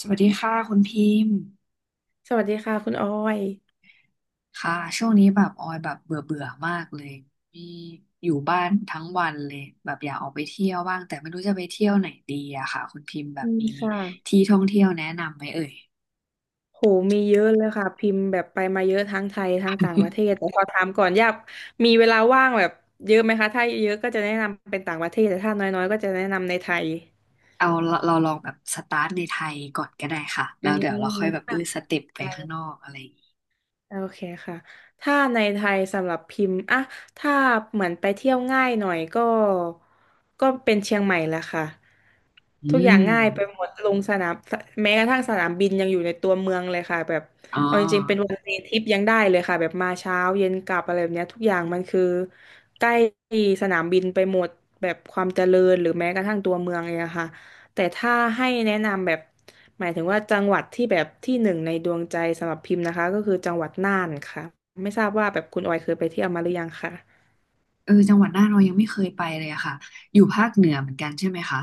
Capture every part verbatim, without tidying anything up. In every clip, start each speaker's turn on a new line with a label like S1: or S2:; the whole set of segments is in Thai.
S1: สวัสดีค่ะคุณพิมพ์
S2: สวัสดีค่ะคุณออย
S1: ค่ะช่วงนี้แบบออยแบบเบื่อเบื่อมากเลยมีอยู่บ้านทั้งวันเลยแบบอยากออกไปเที่ยวบ้างแต่ไม่รู้จะไปเที่ยวไหนดีอะค่ะคุณพิมพ์แบ
S2: อื
S1: บ
S2: ม
S1: มี
S2: ค่ะ
S1: ที่ท่องเที่ยวแนะนำไหมเอ่ย
S2: โห มีเยอะเลยค่ะพิมพ์แบบไปมาเยอะทั้งไทยทั้งต่างประเทศแต่ขอถามก่อนอยากมีเวลาว่างแบบเยอะไหมคะถ้าเยอะก็จะแนะนำเป็นต่างประเทศแต่ถ้าน้อยๆก็จะแนะนำในไทย
S1: เอาเราเราลองแบบสตาร์ทในไทยก่อนก็ได้ค่ะ
S2: อ
S1: แล้วเดี๋ยวเรา
S2: ม
S1: ค่อยแบบเอ
S2: ค่า
S1: อสเต็ปไปข้างนอกอะไรอย่างงี้
S2: โอเคค่ะถ้าในไทยสำหรับพิมพ์อะถ้าเหมือนไปเที่ยวง่ายหน่อยก็ก็เป็นเชียงใหม่แหละค่ะ
S1: อื
S2: ทุกอย่าง
S1: ม
S2: ง่ายไปหมดลงสนาม แม้กระทั่งสนามบินยังอยู่ในตัวเมืองเลยค่ะแบบ
S1: อ๋อ
S2: เอาจริงๆเป็นวันเดย์ทริปยังได้เลยค่ะ แบบมาเช้าเย็นกลับอะไรแบบเนี้ยทุกอย่างมันคือใกล้สนามบินไปหมดแบบความเจริญหรือแม้กระทั่งตัวเมืองเองอะค่ะ แต่ถ้าให้แนะนำแบบหมายถึงว่าจังหวัดที่แบบที่หนึ่งในดวงใจสำหรับพิมพ์นะคะก็คือจังหวัดน่านค่ะไม่ทราบว่าแบบคุณออยเคยไปเที่ยวมาหรือยังค่ะ
S1: เออจังหวัดน่านเรายังไม่เคยไปเลยอะค่ะอยู่ภาคเหนือเหมือนกันใช่ไหมคะ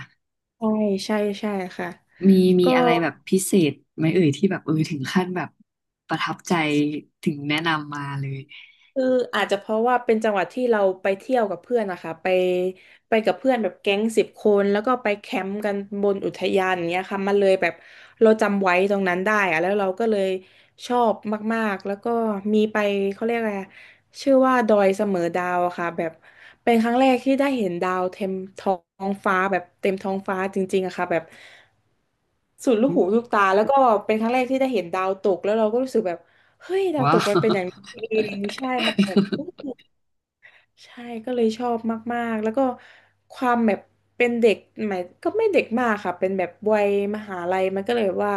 S2: ใช่ใช่ใช่ค่ะ
S1: มีมี
S2: ก็
S1: อะไรแบบพิเศษไหมเอ่ยที่แบบเออถึงขั้นแบบประทับใจถึงแนะนำมาเลย
S2: คืออาจจะเพราะว่าเป็นจังหวัดที่เราไปเที่ยวกับเพื่อนนะคะไปไปกับเพื่อนแบบแก๊งสิบคนแล้วก็ไปแคมป์กันบนอุทยานอย่างเงี้ยค่ะมันเลยแบบเราจำไว้ตรงนั้นได้อะแล้วเราก็เลยชอบมากๆแล้วก็มีไปเขาเรียกอะไรอะชื่อว่าดอยเสมอดาวอะค่ะแบบเป็นครั้งแรกที่ได้เห็นดาวเต็มท้องฟ้าแบบเต็มท้องฟ้าจริงๆอะค่ะแบบสุดลูกหูลูกตาแล้วก็เป็นครั้งแรกที่ได้เห็นดาวตกแล้วเราก็รู้สึกแบบเฮ้ยดาวต
S1: ว้า
S2: ก
S1: ว
S2: มันเป็นอย่างนี้เองใช่มันแบบ ใช่ก็เลยชอบมากๆแล้วก็ความแบบเป็นเด็กหมายก็ไม่เด็กมากค่ะเป็นแบบวัยมหาลัยมันก็เลยแบบว่า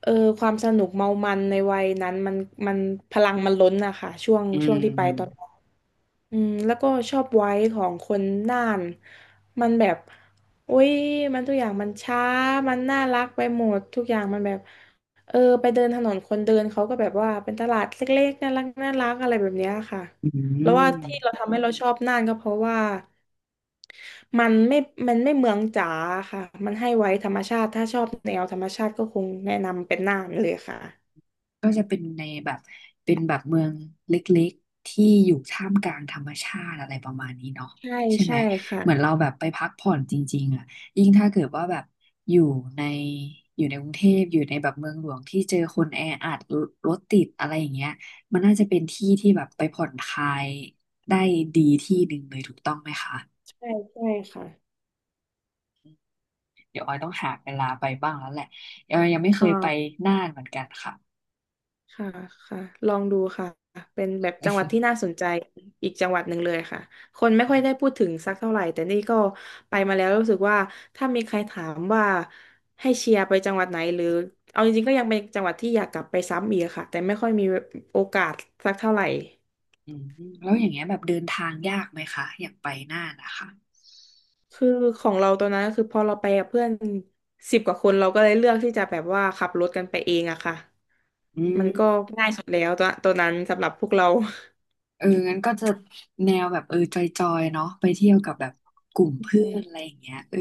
S2: เออความสนุกเมามันในวัยนั้นมันมันพลังมันล้นอะค่ะช่วง
S1: อื
S2: ช่วงที่ไปตอน
S1: ม
S2: อืมแล้วก็ชอบไว้ของคนน่านมันแบบโอ้ยมันทุกอย่างมันช้ามันน่ารักไปหมดทุกอย่างมันแบบเออไปเดินถนนคนเดินเขาก็แบบว่าเป็นตลาดเล็กๆน่ารักน่ารักอะไรแบบเนี้ยค่ะ
S1: อื
S2: แล้วว่าที่เรา
S1: ม
S2: ทำให้เราชอบน่านก็เพราะว่ามันไม่มันไม่เมืองจ๋าค่ะมันให้ไว้ธรรมชาติถ้าชอบแนวธรรมชาติก็คงแนะนำเป็นน่านเลยค่ะ
S1: ก็จะเป็นในแบบเป็นแบบเมืองเล็กๆที่อยู่ท่ามกลางธรรมชาติอะไรประมาณนี้เนาะ
S2: ใช่
S1: ใช่ไหม
S2: ใช่ค่ะ
S1: เหมือนเราแบบไปพักผ่อนจริงๆอ่ะยิ่งถ้าเกิดว่าแบบอยู่ในอยู่ในกรุงเทพอยู่ในแบบเมืองหลวงที่เจอคนแออัดรรถติดอะไรอย่างเงี้ยมันน่าจะเป็นที่ที่แบบไปผ่อนคลายได้ดีที่หนึ่งเลยถูกต้องไหมคะ
S2: ใช่ใช่ค่ะ
S1: เดี๋ยวออยต้องหาเวลาไปบ้างแล้วแหละออยยังไม่เคยไป
S2: อ่า
S1: น่านเหมือนกันค่ะ
S2: ค่ะค่ะลองดูค่ะเป็นแบบจังหวัดที่น่าสนใจอีกจังหวัดหนึ่งเลยค่ะ คนไม่ค่อยได้ พูดถึงสักเท่าไหร่ แต่นี่ก็ไปมาแล้วรู้สึกว่าถ้ามีใครถามว่าให้เชียร์ไปจังหวัดไหนหรือเอาจริงๆก็ยังเป็นจังหวัดที่อยากกลับไปซ้ำอีกค่ะแต่ไม่ค่อยมีโอกาสสักเท่าไหร่
S1: อืมแล้วอย่างเงี้ยแบบเดินทางยากไหมคะอย่างไปน่านนะคะ
S2: คือของเราตอนนั้นก็คือพอเราไปกับเพื่อนสิบกว่าคนเราก็เลยเลือกที่จะแบบว่าขับรถกันไปเองอะค่ะ
S1: อื
S2: มั
S1: ม
S2: นก็ง่ายสุดแล้วตอนตอนนั้นสำหรับพวกเรา
S1: เอองั้นก็จะแนวแบบเออจอยๆเนาะไปเที่ยวกับแบบกลุ่มเพื่อนอะไรอย่างเงี้ยเออ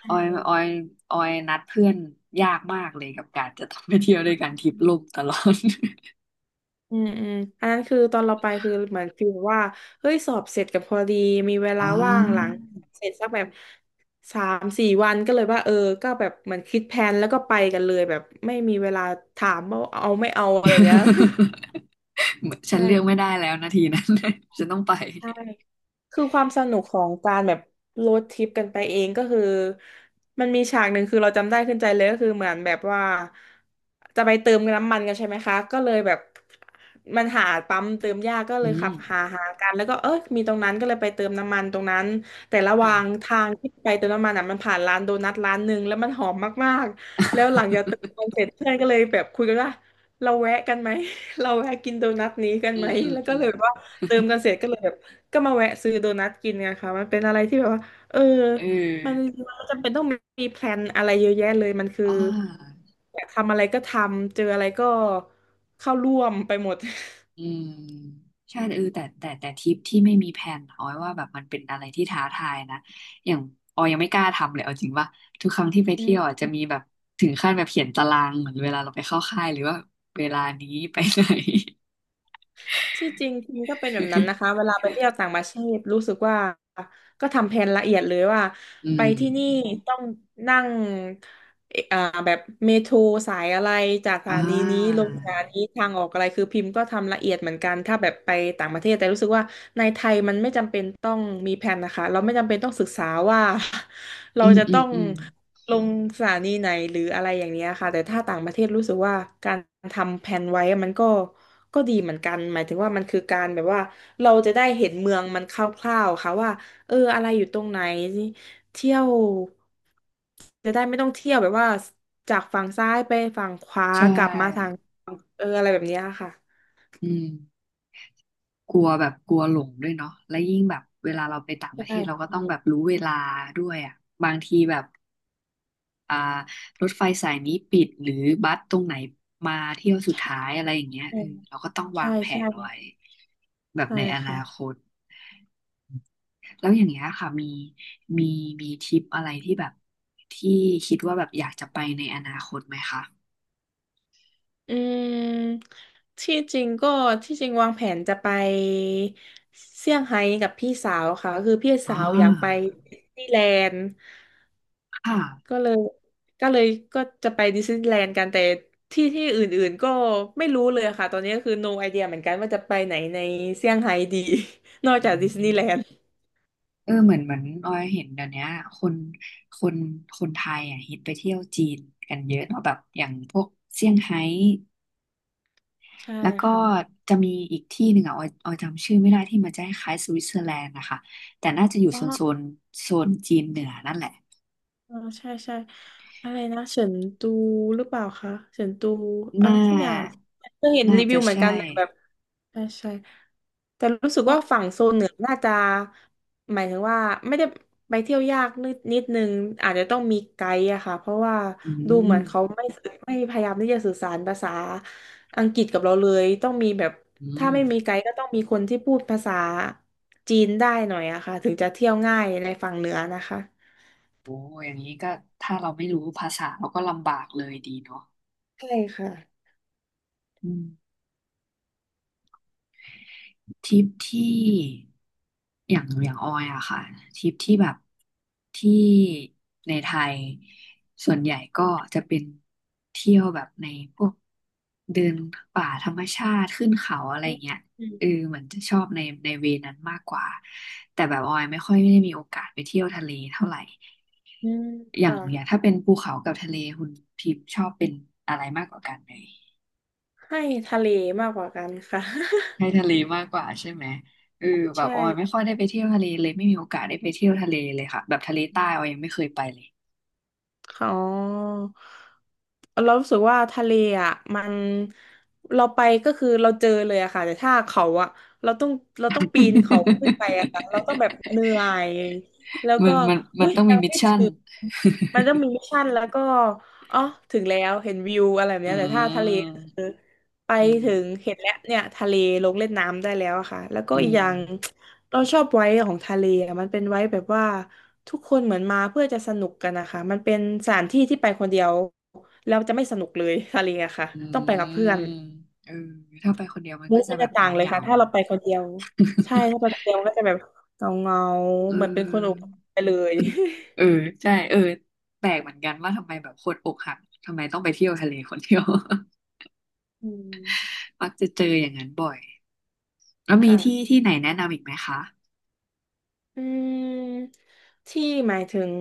S2: ใช่
S1: ออยออยออยนัดเพื่อนยากมากเลยกับการจะต้องไปเที่ยวด้วยกันทริปล่มตลอด
S2: อืมอืมอันนั้นคือตอนเราไปคือเหมือนฟีลว่าเฮ้ยสอบเสร็จกับพอดีมีเว
S1: อ๋
S2: ลา
S1: อ
S2: ว่างหลังเสร็จสักแบบสามสี่วันก็เลยว่าเออก็แบบเหมือนคิดแผนแล้วก็ไปกันเลยแบบไม่มีเวลาถามว่าเอาไม่เอาอะไรแบบเนี้ย
S1: เหมือน ฉั
S2: ใช่
S1: นเลือกไม่ได้
S2: ค่ะ
S1: แล้วนาทีนั้น ฉันต้องไป
S2: ใช่ คือความสนุกของการแบบโรดทริปกันไปเองก็คือมันมีฉากหนึ่งคือเราจำได้ขึ้นใจเลยก็คือเหมือนแบบว่าจะไปเติมน้ำมันกันใช่ไหมคะก็เลยแบบมันหาปั๊มเติมยากก็เล
S1: อื
S2: ยขั
S1: ม
S2: บหาหากันแล้วก็เออมีตรงนั้นก็เลยไปเติมน้ำมันตรงนั้นแต่ระห
S1: ค่ะ
S2: ว่างทางที่ไปเติมน้ำมันอ่ะมันผ่านร้านโดนัทร้านหนึ่งแล้วมันหอมมากๆแล้วหลังจากเติมน้ำมันเสร็จเพื่อนก็เลยแบบคุยกันว่าเราแวะกันไหม เราแวะกินโดนัทนี้กัน
S1: อื
S2: ไหม
S1: มอืม
S2: แล้วก็
S1: อื
S2: เล
S1: ม
S2: ยแบบว่าเติมกันเสร็จก็เลยแบบ ก็มาแวะซื้อโดนัทกินไงคะมันเป็นอะไรที่แบบว่าเออ
S1: เอ
S2: มัน
S1: อ
S2: มันมจำเป็นต้องมีแพลนอะไรเยอะแยะเลยมันคือ
S1: อ่า
S2: อยากทำอะไรก็ทำเจออะไรก็เข้าร่วมไปหมด
S1: อืมใช่เออแต่แต่แต่ทริปที่ไม่มีแผนออยว่าแบบมันเป็นอะไรที่ท้าทายนะอย่างออยยังไม่กล้าทำเลยเอาจริงว่าทุกครั้งที่ไป
S2: อื
S1: เที่ยวอ่ะ
S2: ม
S1: จะมีแบบถึงขั้นแบบเขียนตารางเหมือนเวลาเราไปเข้าค่ายหรือว่าเวลานี้ไปไหน
S2: ที่จริงทีมก็เป็นแบบนั้น นะคะเวลาไปเที่ยวต่างประเทศรู้สึกว่าก็ทำแผนละเอียดเลยว่า
S1: อื
S2: ไปที่นี่
S1: ม
S2: ต้องนั่ง เอ่ออ่าแบบเมโทรสายอะไรจากส
S1: อ่า
S2: ถานีนี้ลงสถานีทางออกอะไรคือพิมพ์ก็ทำละเอียดเหมือนกันถ้าแบบไปต่างประเทศแต่รู้สึกว่าในไทยมันไม่จำเป็นต้องมีแผนนะคะเราไม่จำเป็นต้องศึกษาว่า เรา
S1: อืม
S2: จะ
S1: อื
S2: ต้อ
S1: ม
S2: ง
S1: อืม
S2: ลงสถานีไหนหรืออะไรอย่างเนี้ยค่ะแต่ถ้าต่างประเทศรู้สึกว่าการทำแผนไว้มันก็ก็ดีเหมือนกันหมายถึงว่ามันคือการแบบว่าเราจะได้เห็นเมืองมันคร่าวๆค่ะว่าเอออะไรอยู่ตรงไหน เที่ยวจะได้ไม่ต้องเที่ยวแบบว่าจากฝั่งซ้ายไปฝั่งขวา
S1: ใช
S2: กลับมาทาง
S1: ่
S2: เอออะไรแบบเนี้ยค่ะ
S1: อืมกลัวแบบกลัวหลงด้วยเนาะและยิ่งแบบเวลาเราไปต่าง
S2: ใ
S1: ประเทศเราก็
S2: ช่
S1: ต้องแบบรู้เวลาด้วยอ่ะบางทีแบบ อ่ารถไฟสายนี้ปิดหรือบัสตรงไหนมาเที่ยวสุดท้ายอะไรอย่างเงี้ยเออเราก็ต้องวา
S2: ใช่
S1: งแผ
S2: ใช่
S1: นไว้
S2: ใช่
S1: แบบ
S2: ใช่
S1: ในอ
S2: ค่ะ
S1: นาคตแล้วอย่างเงี้ยค่ะมีมีมีทริปอะไรที่แบบที่คิดว่าแบบอยากจะไปในอนาคตไหมคะ
S2: อืมที่จริงก็ที่จริงวางแผนจะไปเซี่ยงไฮ้กับพี่สาวค่ะคือพี่
S1: อ๋
S2: สา
S1: อ
S2: วอยากไปดิสนีย์แลนด์
S1: ค่ะ
S2: ก็เลยก็เลยก็จะไปดิสนีย์แลนด์กันแต่ที่ที่อื่นๆก็ไม่รู้เลยค่ะตอนนี้ก็คือ no idea เหมือนกันว่าจะไปไหนในเซี่ยงไฮ้ดี นอก
S1: อื
S2: จากดิสนีย์แลนด์
S1: มเออเหมือนเหมือนออยเห็นเดี๋ยวเนี้ยคนคนคนไทยอ่ะฮิตไปเที่ยวจีนกันเยอะเนาะแบบอย่างพวกเซี่ยงไฮ้
S2: ใช่
S1: แล้วก็
S2: ค่ะ
S1: จะมีอีกที่หนึ่งอ่ะออยออยจำชื่อไม่ได้ที่มันจะคล้ายสวิตเซอร์แลนด์นะคะ แต่น่าจะอยู่
S2: อ๋อ
S1: โซนโซนโซนจีนเหนือนั่นแหละ
S2: เออใช่ใช่อะไรนะเฉินตูหรือเปล่าคะเฉินตูอะ
S1: น่า
S2: ไรสักอย่างก็เห็น
S1: น่า
S2: รีวิ
S1: จะ
S2: วเหมือน
S1: ใช่
S2: กันนะแบบ ใช่ใช่แต่รู้สึ
S1: พ
S2: ก
S1: วก
S2: ว่าฝั่งโซนเหนือน่าจะหมายถึงว่าไม่ได้ไปเที่ยวยากนิดนิดนึงอาจจะต้องมีไกด์อะค่ะเพราะว่า
S1: อื
S2: ดูเหมือนเขา
S1: ม
S2: ไม่ไม่พยายามที่จะสื่อสารภาษาอังกฤษกับเราเลยต้องมีแบบ
S1: อื
S2: ถ้า
S1: ม
S2: ไม่มีไกด์ก็ต้องมีคนที่พูดภาษาจีนได้หน่อยอะค่ะถึงจะเที่ยวง่ายในฝั่งเหนือนะคะ
S1: โอ้อย่างนี้ก็ถ้าเราไม่รู้ภาษาเราก็ลำบากเลยดีเนาะ
S2: ใช่ค่ะ
S1: อืม ทริปที่อย่างอย่างออยอะค่ะทริปที่แบบที่ในไทยส่วนใหญ่ก็จะเป็นเที่ยวแบบในพวกเดินป่าธรรมชาติขึ้นเขาอะไร
S2: อ
S1: เงี้ย
S2: ื
S1: เออ
S2: ม
S1: เหมือนจะชอบในในเวนั้นมากกว่าแต่แบบออยไม่ค่อยได้มีโอกาสไปเที่ยวทะเลเท่าไหร่
S2: อืม
S1: อย่างอย่าง
S2: ค่ะ
S1: ถ้าเป็นภูเขากับทะเลคุณพิมพ์ชอบเป็นอะไรมากกว่ากันเลย
S2: ให้ทะเลมากกว่ากันค่ะ
S1: ให้ทะเลมากกว่าใช่ไหมเออ แบ
S2: ใช
S1: บออยไม่ค่
S2: ่
S1: อยได้ไปเที่ยวทะเลเลยไม่มีโอกาสได้ไปเที่ยวทะเลเลยค่ะแบบทะเลใต้ออยยังไม่เคยไปเลย
S2: อ๋อเรารู้สึกว่าทะเลอ่ะมันเราไปก็คือเราเจอเลยอะค่ะแต่ถ้าเขาอะเราต้องเราต้องปีนเขาขึ้นไปอะค่ะเราต้องแบบเหนื่อยแล้ว
S1: มั
S2: ก็
S1: นมันมั
S2: อุ้
S1: น
S2: ย
S1: ต้องมี
S2: ยัง
S1: มิช
S2: ไม่
S1: ชั่น
S2: ถึงมันต้องมีมิชชั่นแล้วก็อ๋อถึงแล้วเห็นวิวอะไรแบบ
S1: อื
S2: เนี้ยแต่ถ้าทะเลก็คือ
S1: ม
S2: ไป
S1: อืม
S2: ถึงเห็นแล้วเนี่ยทะเลลงเล่นน้ำได้แล้วอะค่ะแล้วก็
S1: อื
S2: อีก
S1: ม
S2: อย่างเราชอบไว้ของทะเลอะมันเป็นไว้แบบว่า ทุกคนเหมือนมาเพื่อจะสนุกกันนะคะมันเป็นสถานที่ที่ไปคนเดียวแล้วจะไม่สนุกเลย ทะเลอะค่ะ
S1: อื
S2: ต้องไปกับเพื่อน
S1: มเออถ้าไปคนเดียวมัน
S2: มู
S1: ก็
S2: ด
S1: จะ
S2: มัน
S1: แบ
S2: จะ
S1: บเห
S2: ต่า
S1: งา
S2: งเลย
S1: เงา
S2: ค่ะถ้าเราไป
S1: เนาะ
S2: คนเดียวใช่ถ้าไปคนเดียวมันก็จะแบบเงาเงา
S1: เ
S2: เหมือนเป็นคนอก
S1: ออ
S2: หักไปเลย
S1: เออ ใช่เออแปลกเหมือนกันว่าทำไมแบบคนอกหักทำไมต้องไปเที่ยวทะเลคนเดียว
S2: อืม
S1: มักจะเจออย่างนั้นบ่อยแล้วมีที่
S2: ค่ะ
S1: ที่ไหนแนะนำอีกไหมคะ
S2: อืมที่หมายถึง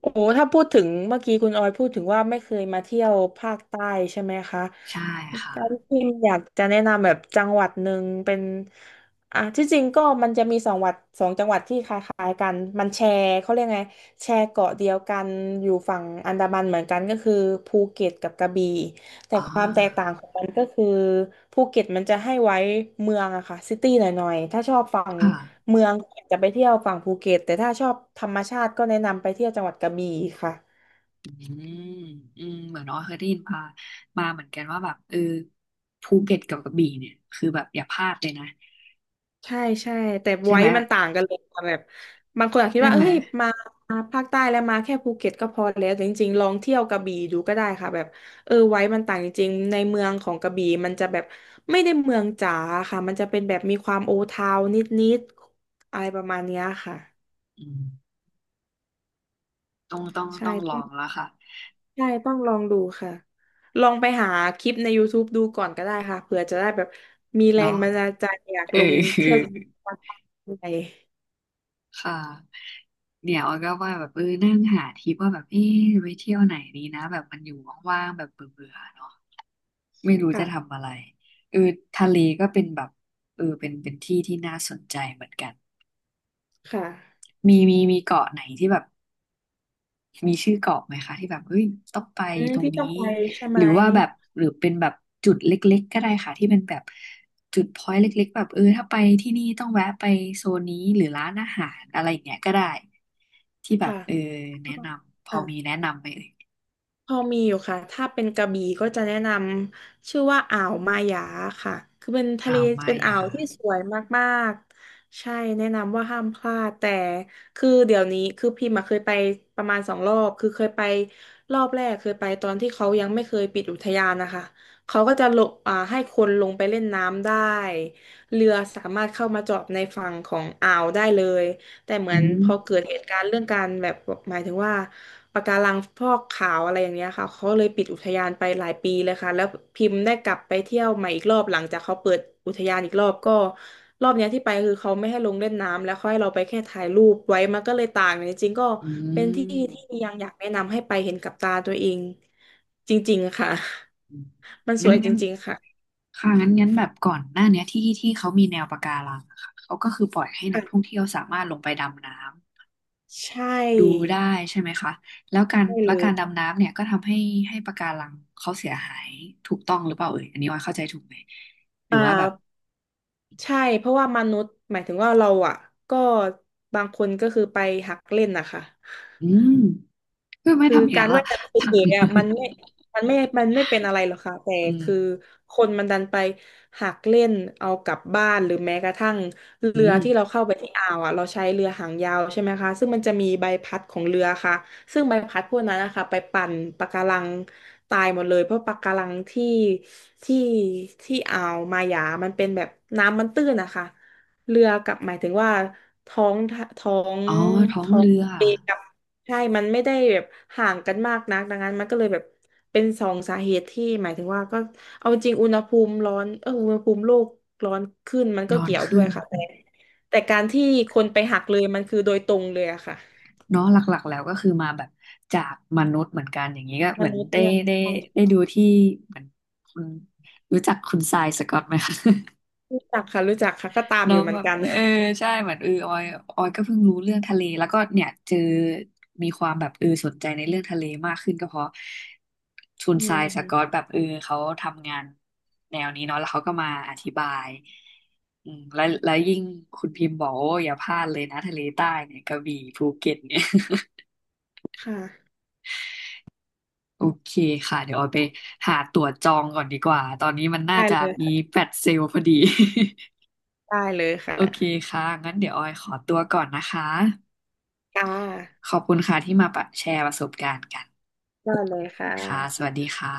S2: โอ้โหถ้าพูดถึงเมื่อกี้คุณออยพูดถึงว่าไม่เคยมาเที่ยวภาคใต้ใช่ไหมคะ
S1: ใช่ค่ะ
S2: การที่อยากจะแนะนำแบบจังหวัดหนึ่งเป็นอ่ะที่จริงก็มันจะมีสองวัดสองจังหวัดที่คล้ายๆกันมันแชร์เขาเรียกไงแชร์เกาะเดียวกันอยู่ฝั่งอันดามันเหมือนกันก็คือภูเก็ตกับกระบี่ แต่
S1: อ่
S2: ความแตกต่าง
S1: า
S2: ของมันก็คือภูเก็ตมันจะให้ไว้เมืองอะค่ะซิตี้หน่อยๆถ้าชอบฝั่ง
S1: ค่ะ
S2: เมืองก็จจะไปเที่ยวฝั่งภูเก็ตแต่ถ้าชอบธรรมชาติก็แนะนำไปเที่ยวจังหวัดกระบี่ค่ะ
S1: อืมอืมเหมือนน้อยเคยได้ยินมามาเหมือนกันว่าแบบเออภูเก็ตกับกระบี่เนี่ยคือแบบอย่าพลาดเลยนะ
S2: ใช่ใช่แต่
S1: ใช่
S2: ไว้
S1: ไหม
S2: มันต่างกันเลยค่ะแบบบางคนอาจคิด
S1: ใช่
S2: ว่า
S1: ไหม
S2: เอ้ยมาภาคใต้แล้วมาแค่ภูเก็ตก็พอแล้วแต่จริงๆลองเที่ยวกระบี่ดูก็ได้ค่ะแบบเออไว้มันต่างจริงๆในเมืองของกระบี่มันจะแบบไม่ได้เมืองจ๋าค่ะมันจะเป็นแบบมีความโอทาวนิดๆอะไรประมาณเนี้ยค่ะ
S1: อืมต้องต้องต้
S2: ใช่
S1: องล
S2: ต้อ
S1: อ
S2: ง
S1: งแล้วค่ะ
S2: ใช่ต้องลองดูค่ะลองไปหาคลิปใน ยู ทูป ดูก่อนก็ได้ค่ะเผื่อจะได้แบบมีแรง
S1: เนาะ
S2: บันดาลใจอยาก
S1: เอ
S2: ล
S1: อ
S2: งเที่ยวอะไร
S1: ค่ะเนี่ยออยก็ว่าแบบเออนั่งหาทริปว่าแบบเออไปเที่ยวไหนดีนะแบบมันอยู่ว่างๆแบบเบื่อๆเนาะไม่รู้จะ
S2: ค่ะ
S1: ทำอะไรเออทะเลก็เป็นแบบเออเป็นเป็นที่ที่น่าสนใจเหมือนกัน
S2: ค่ะ
S1: มีมีมีเกาะไหนที่แบบมีชื่อเกาะไหมคะที่แบบเฮ้ยต้องไป
S2: อืม
S1: ตรง
S2: ที่
S1: นี้
S2: ต้องไปใช่
S1: ห
S2: ไหม
S1: รือว่าแบบหรือเป็นแบบจุดเล็กๆก็ได้ค่ะที่เป็นแบบจุดพอยต์เล็กๆแบบเออถ้าไปที่นี่ต้องแวะไปโซนนี้หรือร้านอาหารอะไรอย่างเงี้ยก็ได้ที่แบบ
S2: ค่ะ
S1: เออแนะนำพอ
S2: ค่ะ
S1: มีแนะนำไหมเอ่ย
S2: พอมีอยู่ค่ะ ถ้าเป็นกระบี่ก็จะแนะนำชื่อว่าอ่าวมายาค่ะ คือเป็นทะเล
S1: อ้าวไม่
S2: เป็นอ่า
S1: อ่
S2: วที่สวยมากๆใช่แนะนำว่าห้ามพลาดแต่คือเดี๋ยวนี้คือพิมพ์มาเคยไปประมาณสองรอบคือเคยไปรอบแรกเคยไปตอนที่เขายังไม่เคยปิดอุทยานนะคะเขาก็จะลงอ่าให้คนลงไปเล่นน้ำได้เรือสามารถเข้ามาจอดในฝั่งของอ่าวได้เลย แต่เหมื
S1: อื
S2: อนพอ
S1: ม
S2: เกิดเหตุการณ์เรื่องการแบบหมายถึงว่าปะการังฟอกขาวอะไรอย่างเงี้ยค่ะเขาเลยปิดอุทยานไปหลายปีเลยค่ะแล้วพิมพ์ได้กลับไปเที่ยวใหม่อีกรอบหลังจากเขาเปิดอุทยานอีกรอบก็รอบเนี้ยที่ไปคือเขาไม่ให้ลงเล่นน้ำแล้วเขาให้เราไปแค่ถ่ายรูปไว้มันก็เลยต่างจริงๆก็
S1: อื
S2: เป็นที่
S1: ม
S2: ที่ยังอยากแนะนำให้ไปเห็นกับตาตัวเองจริงๆค่ะ
S1: อืม
S2: มันส
S1: งั้
S2: ว
S1: น
S2: ยจ
S1: งั้น
S2: ริงๆค่ะ
S1: ค่ะงั้นงั้นแบบก่อนหน้าเนี้ยที่ที่เขามีแนวปะการังอะค่ะเขาก็คือปล่อยให้ นักท่อง
S2: ค่ะ
S1: เที่ยวสามารถลงไปดำน้ำ
S2: ใช่
S1: ดูได้ใช่ไหมคะแล้วการ
S2: ได้
S1: แล้
S2: เล
S1: วกา
S2: ย
S1: รดำน้ำเนี่ยก็ทำให้ให้ปะการังเขาเสียหายถูกต้องหรือเปล่าเอ่ยอันนี้ว่าเข้าใจถูกไหมหรือ
S2: อ่า
S1: ว่าแบบ
S2: ใช่ เพราะว่ามนุษย์หมายถึงว่าเราอ่ะก็บางคนก็คือไปหักเล่นนะคะ
S1: อืมเพื่อไม่
S2: คือ
S1: ทำอย่าง
S2: กา
S1: นั้น
S2: ร
S1: ล่ะ
S2: ว่ายน้ำเฉยๆ อ่ะมันไม่มันไม่มันไม่เป็นอะไรหรอกค่ะแต่
S1: อืม
S2: คือคนมันดันไปหักเล่นเอากลับบ้านหรือแม้กระทั่ง
S1: อื
S2: เรือ
S1: ม
S2: ที่เราเข้าไปที่อ่าวอ่ะเราใช้เรือหางยาวใช่ไหมคะซึ่งมันจะมีใบพัดของเรือค่ะซึ่งใบพัดพวกนั้นนะคะไปปั่นปะการังตายหมดเลยเพราะปะการังที่ที่ที่อ่าวมาหยามันเป็นแบบน้ำมันตื้นนะคะเรือกับหมายถึงว่าท้องท้อง
S1: อ๋อท้อง
S2: ท้อง
S1: เรือ
S2: ทะเลกับ ใช่มันไม่ได้แบบห่างกันมากนักดังนั้นมันก็เลยแบบเป็นสองสาเหตุที่หมายถึงว่าก็เอาจริงอุณหภูมิร้อนเอออุณหภูมิโลกร้อนขึ้นมัน
S1: น
S2: ก็
S1: อน
S2: เกี่ยวด้ว
S1: ขึ้
S2: ย
S1: น
S2: ค่ะแต่แต่การที่คนไปหักเลยมันคือโดยตรงเลยอะค่ะ
S1: เนาะหลักๆแล้วก็คือมาแบบจากมนุษย์เหมือนกันอย่างนี้ก็
S2: ม
S1: เหมือน
S2: นุษย์
S1: ได้
S2: เนี่ย
S1: ได้
S2: ใช่
S1: ได้ดูที่เหมือนคุณรู้จักคุณทรายสก็อตไหมคะ
S2: รู้จักค่ะรู้จักค่ะก็ตามอ
S1: เนาะ
S2: ยู่เหมื
S1: แบ
S2: อน
S1: บ
S2: กัน
S1: เออใช่เหมือนเออออยออยก็เพิ่งรู้เรื่องทะเลแล้วก็เนี่ยเจอมีความแบบเออสนใจในเรื่องทะเลมากขึ้นก็เพราะคุณ
S2: อื
S1: ท
S2: ม
S1: ราย
S2: อื
S1: ส
S2: ม
S1: กอตแบบเออเขาทำงานแนวนี้เนาะแล้วเขาก็มาอธิบายอืมแล้วแล้วยิ่งคุณพิมพ์บอกโอ้อย่าพลาดเลยนะทะเลใต้เนี่ยกระบี่ภูเก็ตเนี่ย
S2: ค่ะ
S1: โอเคค่ะเดี๋ยวออยไปหาตั๋วจองก่อนดีกว่าตอนนี้มันน่า
S2: ได้
S1: จะ
S2: เลย
S1: มี
S2: ค่ะ
S1: แฟลชเซลล์พอดี
S2: ได้เลย
S1: โอ
S2: ค่ะ
S1: เคค่ะงั้นเดี๋ยวออยขอตัวก่อนนะคะ
S2: ค่ะ
S1: ขอบคุณค่ะที่มาแชร์ประสบการณ์กัน
S2: ได้เลยค่
S1: ค่ะส
S2: ะ
S1: วัสดีค่ะ